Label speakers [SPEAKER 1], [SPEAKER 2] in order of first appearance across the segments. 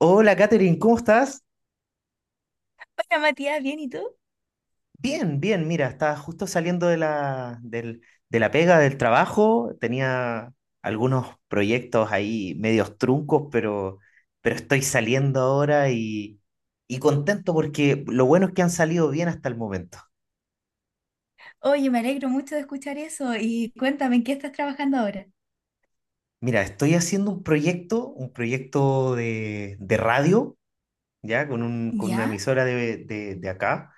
[SPEAKER 1] Hola, Katherine, ¿cómo estás?
[SPEAKER 2] Hola Matías, ¿bien y tú?
[SPEAKER 1] Bien, bien, mira, estaba justo saliendo de la pega, del trabajo, tenía algunos proyectos ahí medios truncos, pero estoy saliendo ahora y contento porque lo bueno es que han salido bien hasta el momento.
[SPEAKER 2] Oye, me alegro mucho de escuchar eso y cuéntame, ¿en qué estás trabajando ahora?
[SPEAKER 1] Mira, estoy haciendo un proyecto de radio, ya, con una
[SPEAKER 2] ¿Ya?
[SPEAKER 1] emisora de acá,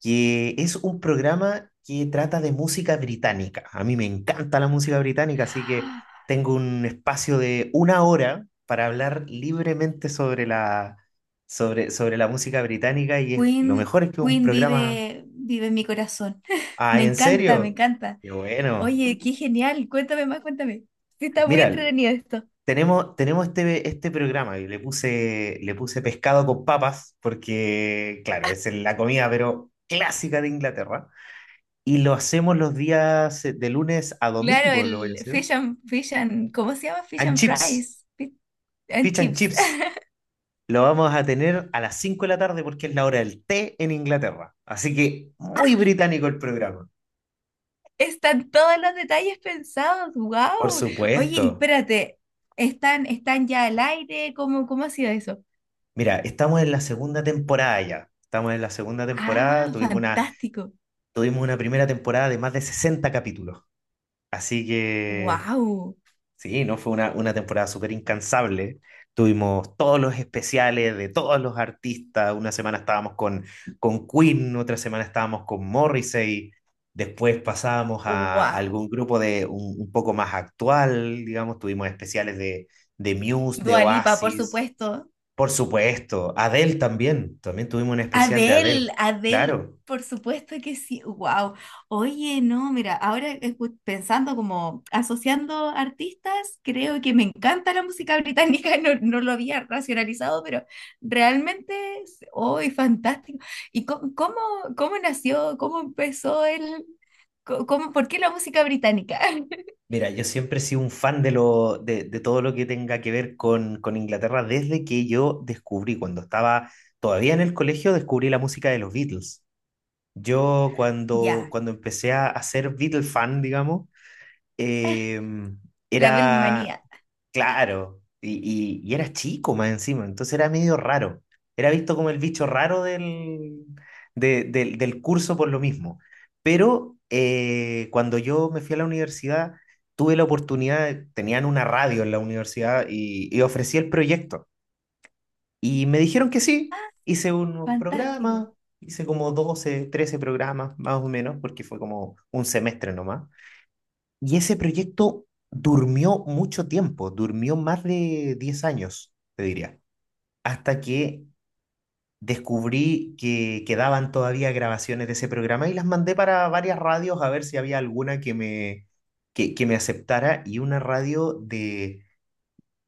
[SPEAKER 1] que es un programa que trata de música británica. A mí me encanta la música británica, así que
[SPEAKER 2] Ah,
[SPEAKER 1] tengo un espacio de una hora para hablar libremente sobre sobre la música británica y es, lo
[SPEAKER 2] Queen,
[SPEAKER 1] mejor es que un
[SPEAKER 2] Queen
[SPEAKER 1] programa...
[SPEAKER 2] vive, vive en mi corazón.
[SPEAKER 1] Ah,
[SPEAKER 2] Me
[SPEAKER 1] ¿en
[SPEAKER 2] encanta, me
[SPEAKER 1] serio?
[SPEAKER 2] encanta.
[SPEAKER 1] Qué bueno.
[SPEAKER 2] Oye, qué genial, cuéntame más, cuéntame. Sí, está muy
[SPEAKER 1] Mira,
[SPEAKER 2] entretenido esto.
[SPEAKER 1] este programa y le puse pescado con papas porque, claro, es la comida, pero clásica de Inglaterra. Y lo hacemos los días de lunes a
[SPEAKER 2] Claro,
[SPEAKER 1] domingo, lo voy a
[SPEAKER 2] el
[SPEAKER 1] hacer.
[SPEAKER 2] ¿cómo se llama? Fish
[SPEAKER 1] And
[SPEAKER 2] and
[SPEAKER 1] chips,
[SPEAKER 2] fries, fish and
[SPEAKER 1] fish and
[SPEAKER 2] chips.
[SPEAKER 1] chips. Lo vamos a tener a las 5 de la tarde porque es la hora del té en Inglaterra. Así que muy británico el programa.
[SPEAKER 2] Están todos los detalles pensados,
[SPEAKER 1] Por
[SPEAKER 2] wow. Oye, y
[SPEAKER 1] supuesto.
[SPEAKER 2] espérate, ¿están ya al aire? ¿Cómo ha sido eso?
[SPEAKER 1] Mira, estamos en la segunda temporada ya. Estamos en la segunda
[SPEAKER 2] Ah,
[SPEAKER 1] temporada.
[SPEAKER 2] fantástico.
[SPEAKER 1] Tuvimos una primera temporada de más de 60 capítulos. Así que
[SPEAKER 2] Wow,
[SPEAKER 1] sí, no fue una temporada súper incansable. Tuvimos todos los especiales de todos los artistas. Una semana estábamos con Queen, otra semana estábamos con Morrissey. Después pasábamos a
[SPEAKER 2] wow.
[SPEAKER 1] algún grupo un poco más actual, digamos. Tuvimos especiales de Muse, de
[SPEAKER 2] Dua Lipa, por
[SPEAKER 1] Oasis,
[SPEAKER 2] supuesto.
[SPEAKER 1] por supuesto. Adele también. También tuvimos un especial de Adele.
[SPEAKER 2] Adele, Adele,
[SPEAKER 1] Claro.
[SPEAKER 2] por supuesto que sí. Wow. Oye, no, mira, pensando como asociando artistas, creo que me encanta la música británica. No, no lo había racionalizado, pero realmente, hoy fantástico. ¿Y co- cómo, nació, ¿cómo empezó el, por qué la música británica?
[SPEAKER 1] Mira, yo siempre he sido un fan de todo lo que tenga que ver con Inglaterra desde que yo descubrí, cuando estaba todavía en el colegio, descubrí la música de los Beatles. Yo
[SPEAKER 2] Ya,
[SPEAKER 1] cuando empecé a ser Beatle fan, digamos, eh,
[SPEAKER 2] la
[SPEAKER 1] era,
[SPEAKER 2] Beatlemanía.
[SPEAKER 1] claro, y era chico más encima, entonces era medio raro. Era visto como el bicho raro del curso por lo mismo. Pero cuando yo me fui a la universidad, tuve la oportunidad, tenían una radio en la universidad y ofrecí el proyecto. Y me dijeron que sí, hice unos
[SPEAKER 2] Fantástico.
[SPEAKER 1] programas, hice como 12 13 programas más o menos, porque fue como un semestre nomás. Y ese proyecto durmió mucho tiempo, durmió más de 10 años, te diría, hasta que descubrí que quedaban todavía grabaciones de ese programa y las mandé para varias radios a ver si había alguna que me aceptara y una radio de,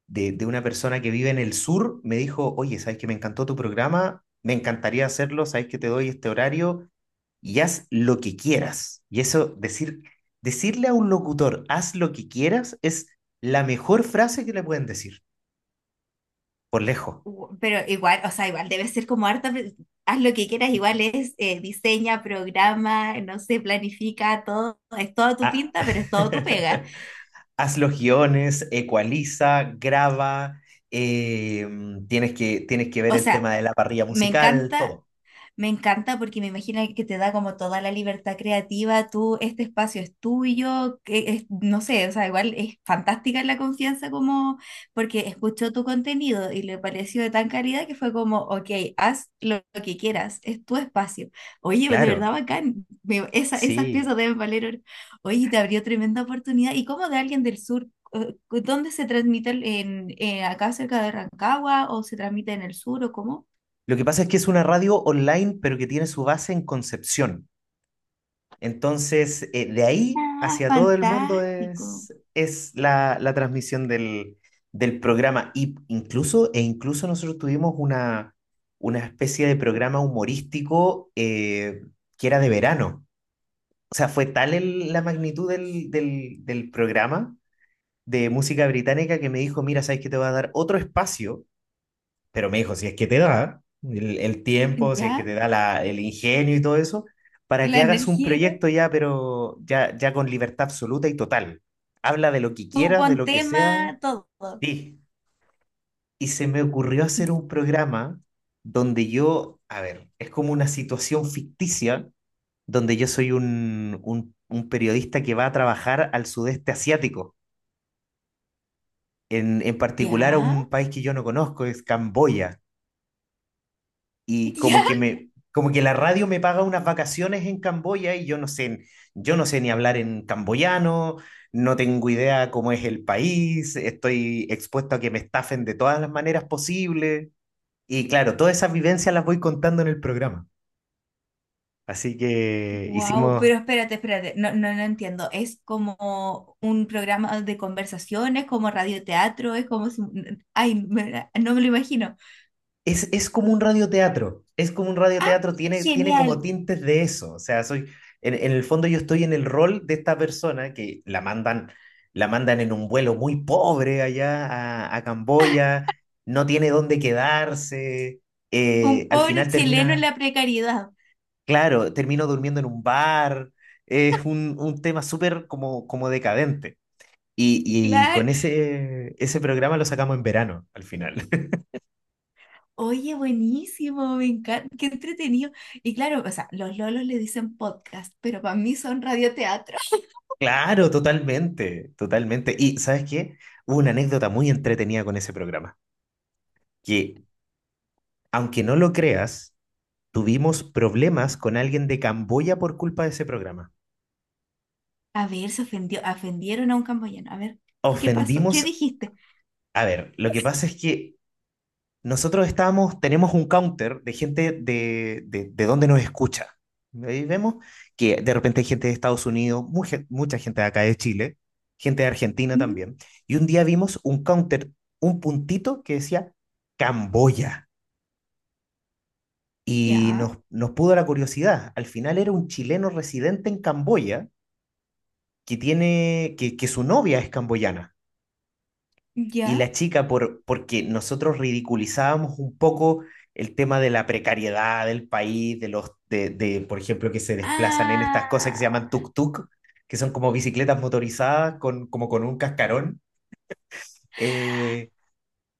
[SPEAKER 1] de, de una persona que vive en el sur me dijo, oye, ¿sabes que me encantó tu programa? Me encantaría hacerlo. ¿Sabes que te doy este horario y haz lo que quieras? Y eso, decirle a un locutor, haz lo que quieras, es la mejor frase que le pueden decir, por lejos.
[SPEAKER 2] Pero igual, o sea, igual debe ser como harta, haz lo que quieras, igual es diseña, programa, no sé, planifica, todo, es todo tu
[SPEAKER 1] Ah.
[SPEAKER 2] pinta, pero es todo tu pega.
[SPEAKER 1] Haz los guiones, ecualiza, graba, eh, tienes que ver
[SPEAKER 2] O
[SPEAKER 1] el
[SPEAKER 2] sea,
[SPEAKER 1] tema de la parrilla
[SPEAKER 2] me
[SPEAKER 1] musical,
[SPEAKER 2] encanta.
[SPEAKER 1] todo.
[SPEAKER 2] Me encanta porque me imagino que te da como toda la libertad creativa, tú, este espacio es tuyo, que no sé, o sea, igual es fantástica la confianza, como porque escuchó tu contenido y le pareció de tan calidad que fue como, ok, haz lo que quieras, es tu espacio. Oye, de verdad
[SPEAKER 1] Claro,
[SPEAKER 2] bacán, esas
[SPEAKER 1] sí.
[SPEAKER 2] piezas deben valer oro. Oye, te abrió tremenda oportunidad. ¿Y cómo de alguien del sur? eh, ¿Dónde se transmite? ¿En, acá cerca de Rancagua o se transmite en el sur o cómo?
[SPEAKER 1] Lo que pasa es que es una radio online, pero que tiene su base en Concepción. Entonces, de ahí
[SPEAKER 2] Ah,
[SPEAKER 1] hacia todo el mundo
[SPEAKER 2] fantástico.
[SPEAKER 1] es la transmisión del programa. E incluso nosotros tuvimos una especie de programa humorístico que era de verano. O sea, fue tal la magnitud del programa de música británica que me dijo, mira, ¿sabes qué? Te voy a dar otro espacio, pero me dijo, si es que te da el tiempo, si es que
[SPEAKER 2] ¿Ya?
[SPEAKER 1] te da el ingenio y todo eso, para que
[SPEAKER 2] La
[SPEAKER 1] hagas un
[SPEAKER 2] energía y todo.
[SPEAKER 1] proyecto ya, pero ya con libertad absoluta y total. Habla de lo que
[SPEAKER 2] Tú
[SPEAKER 1] quieras,
[SPEAKER 2] pon
[SPEAKER 1] de lo que
[SPEAKER 2] tema,
[SPEAKER 1] sea.
[SPEAKER 2] todo.
[SPEAKER 1] Sí. Y se me ocurrió
[SPEAKER 2] Y-
[SPEAKER 1] hacer un programa donde yo, a ver, es como una situación ficticia, donde yo soy un periodista que va a trabajar al sudeste asiático, en particular a un
[SPEAKER 2] ¿Ya?
[SPEAKER 1] país que yo no conozco, es Camboya. Y
[SPEAKER 2] ¿Ya?
[SPEAKER 1] como que me, como que la radio me paga unas vacaciones en Camboya y yo no sé ni hablar en camboyano, no tengo idea cómo es el país, estoy expuesto a que me estafen de todas las maneras posibles. Y claro, todas esas vivencias las voy contando en el programa. Así que
[SPEAKER 2] Wow,
[SPEAKER 1] hicimos.
[SPEAKER 2] pero espérate, espérate. No, no, no entiendo. ¿Es como un programa de conversaciones, como radioteatro? Es como... si- Ay, no me lo imagino.
[SPEAKER 1] Es como un radioteatro, es como un
[SPEAKER 2] ¡Ah,
[SPEAKER 1] radioteatro, tiene como
[SPEAKER 2] genial!
[SPEAKER 1] tintes de eso, o sea, soy, en el fondo yo estoy en el rol de esta persona que la mandan en un vuelo muy pobre allá a Camboya, no tiene dónde quedarse,
[SPEAKER 2] Un
[SPEAKER 1] al
[SPEAKER 2] pobre
[SPEAKER 1] final
[SPEAKER 2] chileno en
[SPEAKER 1] termina,
[SPEAKER 2] la precariedad.
[SPEAKER 1] claro, termino durmiendo en un bar, es un tema súper como, como decadente. Y
[SPEAKER 2] Claro.
[SPEAKER 1] con ese programa lo sacamos en verano, al final.
[SPEAKER 2] Oye, buenísimo, me encanta. Qué entretenido. Y claro, o sea, los lolos le dicen podcast, pero para mí son radioteatro.
[SPEAKER 1] Claro, totalmente, totalmente. Y ¿sabes qué? Hubo una anécdota muy entretenida con ese programa, que aunque no lo creas, tuvimos problemas con alguien de Camboya por culpa de ese programa.
[SPEAKER 2] A ver, se ofendió, ofendieron a un camboyano. A ver, ¿qué pasó? ¿Qué
[SPEAKER 1] Ofendimos,
[SPEAKER 2] dijiste?
[SPEAKER 1] a ver, lo que pasa es que nosotros estamos, tenemos un counter de gente de donde nos escucha. Ahí vemos que de repente hay gente de Estados Unidos, mucha gente de acá de Chile, gente de Argentina
[SPEAKER 2] Ujú.
[SPEAKER 1] también. Y un día vimos un counter, un puntito que decía Camboya.
[SPEAKER 2] Ya,
[SPEAKER 1] Nos pudo la curiosidad. Al final era un chileno residente en Camboya que su novia es camboyana. Y la
[SPEAKER 2] ya.
[SPEAKER 1] chica por, porque nosotros ridiculizábamos un poco el tema de la precariedad del país, de los, de, por ejemplo, que se desplazan en estas cosas que se llaman
[SPEAKER 2] Ah,
[SPEAKER 1] tuk-tuk, que son como bicicletas motorizadas con, como con un cascarón. Eh,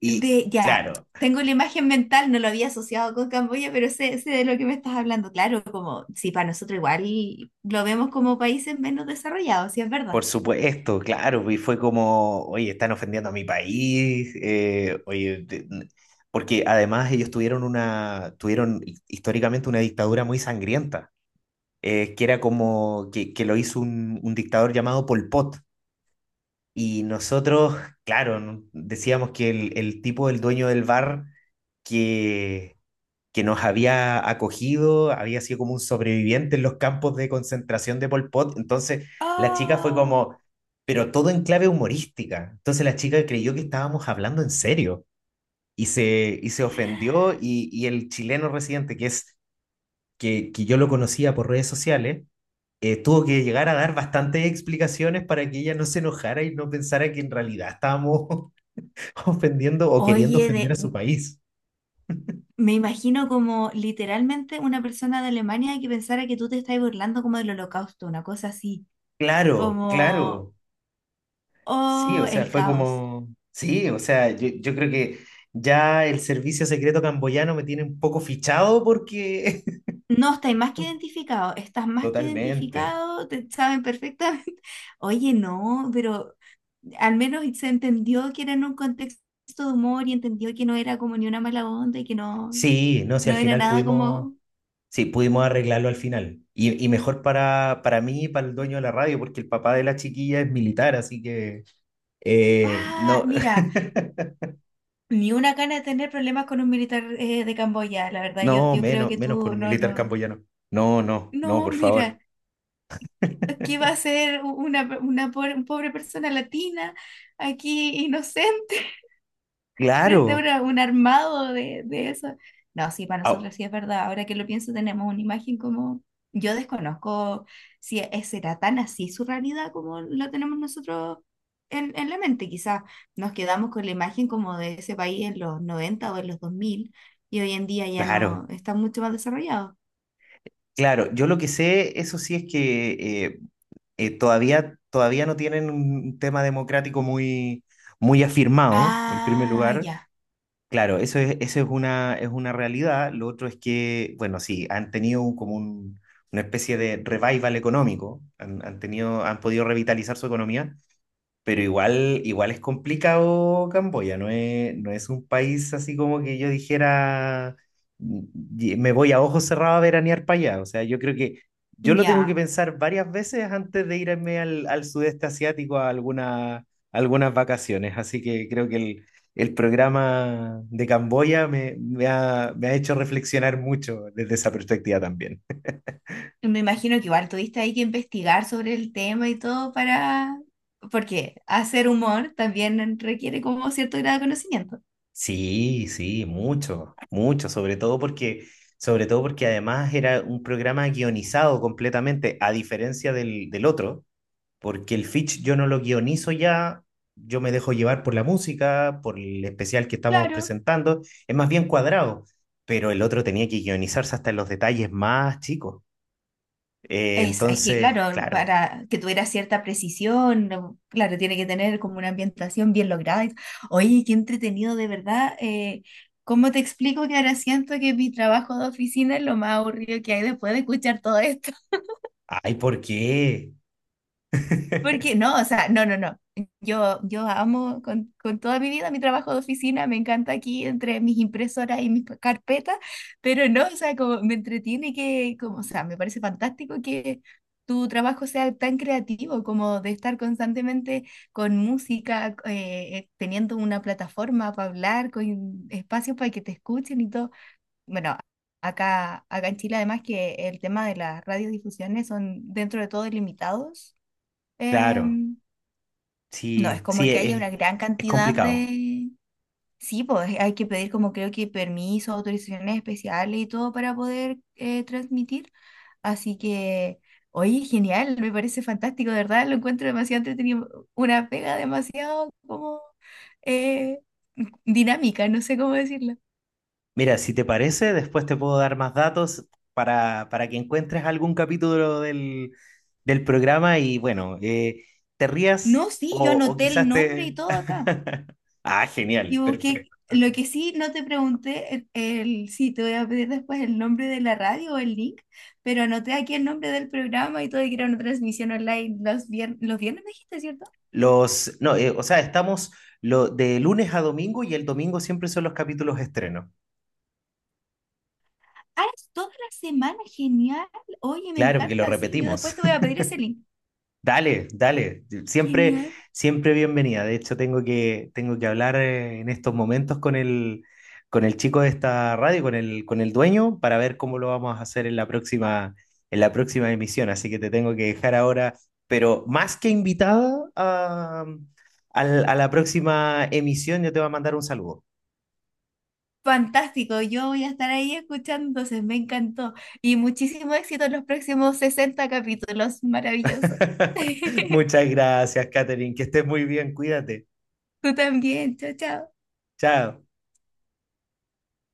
[SPEAKER 1] y
[SPEAKER 2] de, ya.
[SPEAKER 1] claro,
[SPEAKER 2] Tengo la imagen mental, no lo había asociado con Camboya, pero sé, sé de lo que me estás hablando. Claro, como si para nosotros igual lo vemos como países menos desarrollados, si es verdad.
[SPEAKER 1] por supuesto, claro, y fue como, oye, están ofendiendo a mi país, porque además ellos tuvieron históricamente una dictadura muy sangrienta, que era como que lo hizo un dictador llamado Pol Pot. Y nosotros, claro, decíamos que el tipo, el dueño del bar, que, que nos había acogido, había sido como un sobreviviente en los campos de concentración de Pol Pot. Entonces, la chica fue
[SPEAKER 2] Oh,
[SPEAKER 1] como, pero todo en clave humorística. Entonces, la chica creyó que estábamos hablando en serio y se ofendió. Y el chileno residente, que es que yo lo conocía por redes sociales, tuvo que llegar a dar bastantes explicaciones para que ella no se enojara y no pensara que en realidad estábamos ofendiendo o queriendo
[SPEAKER 2] oye,
[SPEAKER 1] ofender a su
[SPEAKER 2] de,
[SPEAKER 1] país.
[SPEAKER 2] me imagino como literalmente una persona de Alemania que pensara que tú te estás burlando como del holocausto, una cosa así,
[SPEAKER 1] Claro,
[SPEAKER 2] como,
[SPEAKER 1] claro. Sí, o
[SPEAKER 2] oh,
[SPEAKER 1] sea,
[SPEAKER 2] el
[SPEAKER 1] fue
[SPEAKER 2] caos.
[SPEAKER 1] como... Sí, o sea, yo creo que ya el servicio secreto camboyano me tiene un poco fichado porque...
[SPEAKER 2] No, estáis más que identificado, estás más que
[SPEAKER 1] Totalmente.
[SPEAKER 2] identificado, te saben perfectamente. Oye, no, pero al menos se entendió que era en un contexto de humor, y entendió que no era como ni una mala onda y que no,
[SPEAKER 1] Sí, no, si
[SPEAKER 2] no
[SPEAKER 1] al
[SPEAKER 2] era
[SPEAKER 1] final
[SPEAKER 2] nada
[SPEAKER 1] pudimos...
[SPEAKER 2] como,
[SPEAKER 1] Sí, pudimos arreglarlo al final. Y mejor para mí y para el dueño de la radio, porque el papá de la chiquilla es militar, así que...
[SPEAKER 2] ah,
[SPEAKER 1] no,
[SPEAKER 2] mira, ni una gana de tener problemas con un militar de Camboya, la verdad, yo,
[SPEAKER 1] no,
[SPEAKER 2] yo creo
[SPEAKER 1] menos,
[SPEAKER 2] que
[SPEAKER 1] menos con
[SPEAKER 2] tú,
[SPEAKER 1] un
[SPEAKER 2] no,
[SPEAKER 1] militar
[SPEAKER 2] no,
[SPEAKER 1] camboyano. No, no, no,
[SPEAKER 2] no,
[SPEAKER 1] por favor.
[SPEAKER 2] mira, ¿qué va a ser una, una pobre persona latina aquí inocente frente a
[SPEAKER 1] Claro,
[SPEAKER 2] un armado de eso? No, sí, para
[SPEAKER 1] au-
[SPEAKER 2] nosotros sí es verdad. Ahora que lo pienso, tenemos una imagen como... Yo desconozco si será tan así su realidad como lo tenemos nosotros en la mente. Quizás nos quedamos con la imagen como de ese país en los 90 o en los 2000, y hoy en día ya no
[SPEAKER 1] claro,
[SPEAKER 2] está mucho más desarrollado.
[SPEAKER 1] claro. Yo lo que sé, eso sí, es que todavía no tienen un tema democrático muy afirmado, en primer
[SPEAKER 2] Ah,
[SPEAKER 1] lugar.
[SPEAKER 2] ya,
[SPEAKER 1] Claro, eso es una realidad. Lo otro es que, bueno, sí, han tenido una especie de revival económico, han tenido, han podido revitalizar su economía, pero igual, igual es complicado Camboya, no es un país así como que yo dijera: "Mm, me voy a ojos cerrados a veranear para allá". O sea, yo creo que yo lo tengo que
[SPEAKER 2] ya.
[SPEAKER 1] pensar varias veces antes de irme al, al sudeste asiático a algunas vacaciones. Así que creo que el programa de Camboya me ha hecho reflexionar mucho desde esa perspectiva también.
[SPEAKER 2] Me imagino que igual tuviste ahí que investigar sobre el tema y todo para... Porque hacer humor también requiere como cierto grado de conocimiento.
[SPEAKER 1] Sí, sí, mucho, mucho, sobre todo porque además era un programa guionizado completamente, a diferencia del otro, porque el Fitch yo no lo guionizo ya, yo me dejo llevar por la música, por el especial que estamos
[SPEAKER 2] Claro.
[SPEAKER 1] presentando, es más bien cuadrado, pero el otro tenía que guionizarse hasta en los detalles más chicos.
[SPEAKER 2] Es que,
[SPEAKER 1] Entonces,
[SPEAKER 2] claro,
[SPEAKER 1] claro,
[SPEAKER 2] para que tuviera cierta precisión, no, claro, tiene que tener como una ambientación bien lograda. Oye, qué entretenido, de verdad. ¿Cómo te explico que ahora siento que mi trabajo de oficina es lo más aburrido que hay después de escuchar todo esto?
[SPEAKER 1] ay, ¿por qué?
[SPEAKER 2] Porque no, o sea, no, no, no. Yo amo con toda mi vida mi trabajo de oficina, me encanta aquí entre mis impresoras y mis carpetas, pero no, o sea, como me entretiene que, como, o sea, me parece fantástico que tu trabajo sea tan creativo, como de estar constantemente con música, teniendo una plataforma para hablar, con espacios para que te escuchen y todo. Bueno, acá en Chile además que el tema de las radiodifusiones son dentro de todo ilimitados,
[SPEAKER 1] Claro,
[SPEAKER 2] em, no,
[SPEAKER 1] sí,
[SPEAKER 2] es
[SPEAKER 1] sí,
[SPEAKER 2] como que haya una gran
[SPEAKER 1] es
[SPEAKER 2] cantidad
[SPEAKER 1] complicado.
[SPEAKER 2] de... Sí, pues hay que pedir como creo que permisos, autorizaciones especiales y todo para poder transmitir. Así que, oye, genial, me parece fantástico, de verdad, lo encuentro demasiado entretenido, una pega demasiado como eh, dinámica, no sé cómo decirlo.
[SPEAKER 1] Mira, si te parece, después te puedo dar más datos para que encuentres algún capítulo del programa y bueno, te rías
[SPEAKER 2] No, sí, yo
[SPEAKER 1] o
[SPEAKER 2] anoté el
[SPEAKER 1] quizás
[SPEAKER 2] nombre y
[SPEAKER 1] te...
[SPEAKER 2] todo acá.
[SPEAKER 1] Ah,
[SPEAKER 2] Y
[SPEAKER 1] genial,
[SPEAKER 2] busqué,
[SPEAKER 1] perfecto.
[SPEAKER 2] lo que sí no te pregunté, sí, te voy a pedir después el nombre de la radio o el link, pero anoté aquí el nombre del programa y todo, y que era una transmisión online los, los viernes, me dijiste, ¿cierto?
[SPEAKER 1] Los, no, o sea, estamos lo, de lunes a domingo y el domingo siempre son los capítulos estreno.
[SPEAKER 2] Ah, es toda la semana, genial. Oye, me
[SPEAKER 1] Claro, porque lo
[SPEAKER 2] encanta, sí, yo después
[SPEAKER 1] repetimos.
[SPEAKER 2] te voy a pedir ese link.
[SPEAKER 1] Dale, dale. Siempre,
[SPEAKER 2] Genial.
[SPEAKER 1] siempre bienvenida. De hecho, tengo que hablar en estos momentos con el chico de esta radio, con el dueño, para ver cómo lo vamos a hacer en la próxima emisión. Así que te tengo que dejar ahora, pero más que invitada a, a la próxima emisión, yo te voy a mandar un saludo.
[SPEAKER 2] Fantástico, yo voy a estar ahí escuchando, entonces me encantó. Y muchísimo éxito en los próximos 60 capítulos, maravilloso.
[SPEAKER 1] Muchas gracias, Catherine. Que estés muy bien. Cuídate.
[SPEAKER 2] Tú también, chao, chao.
[SPEAKER 1] Chao.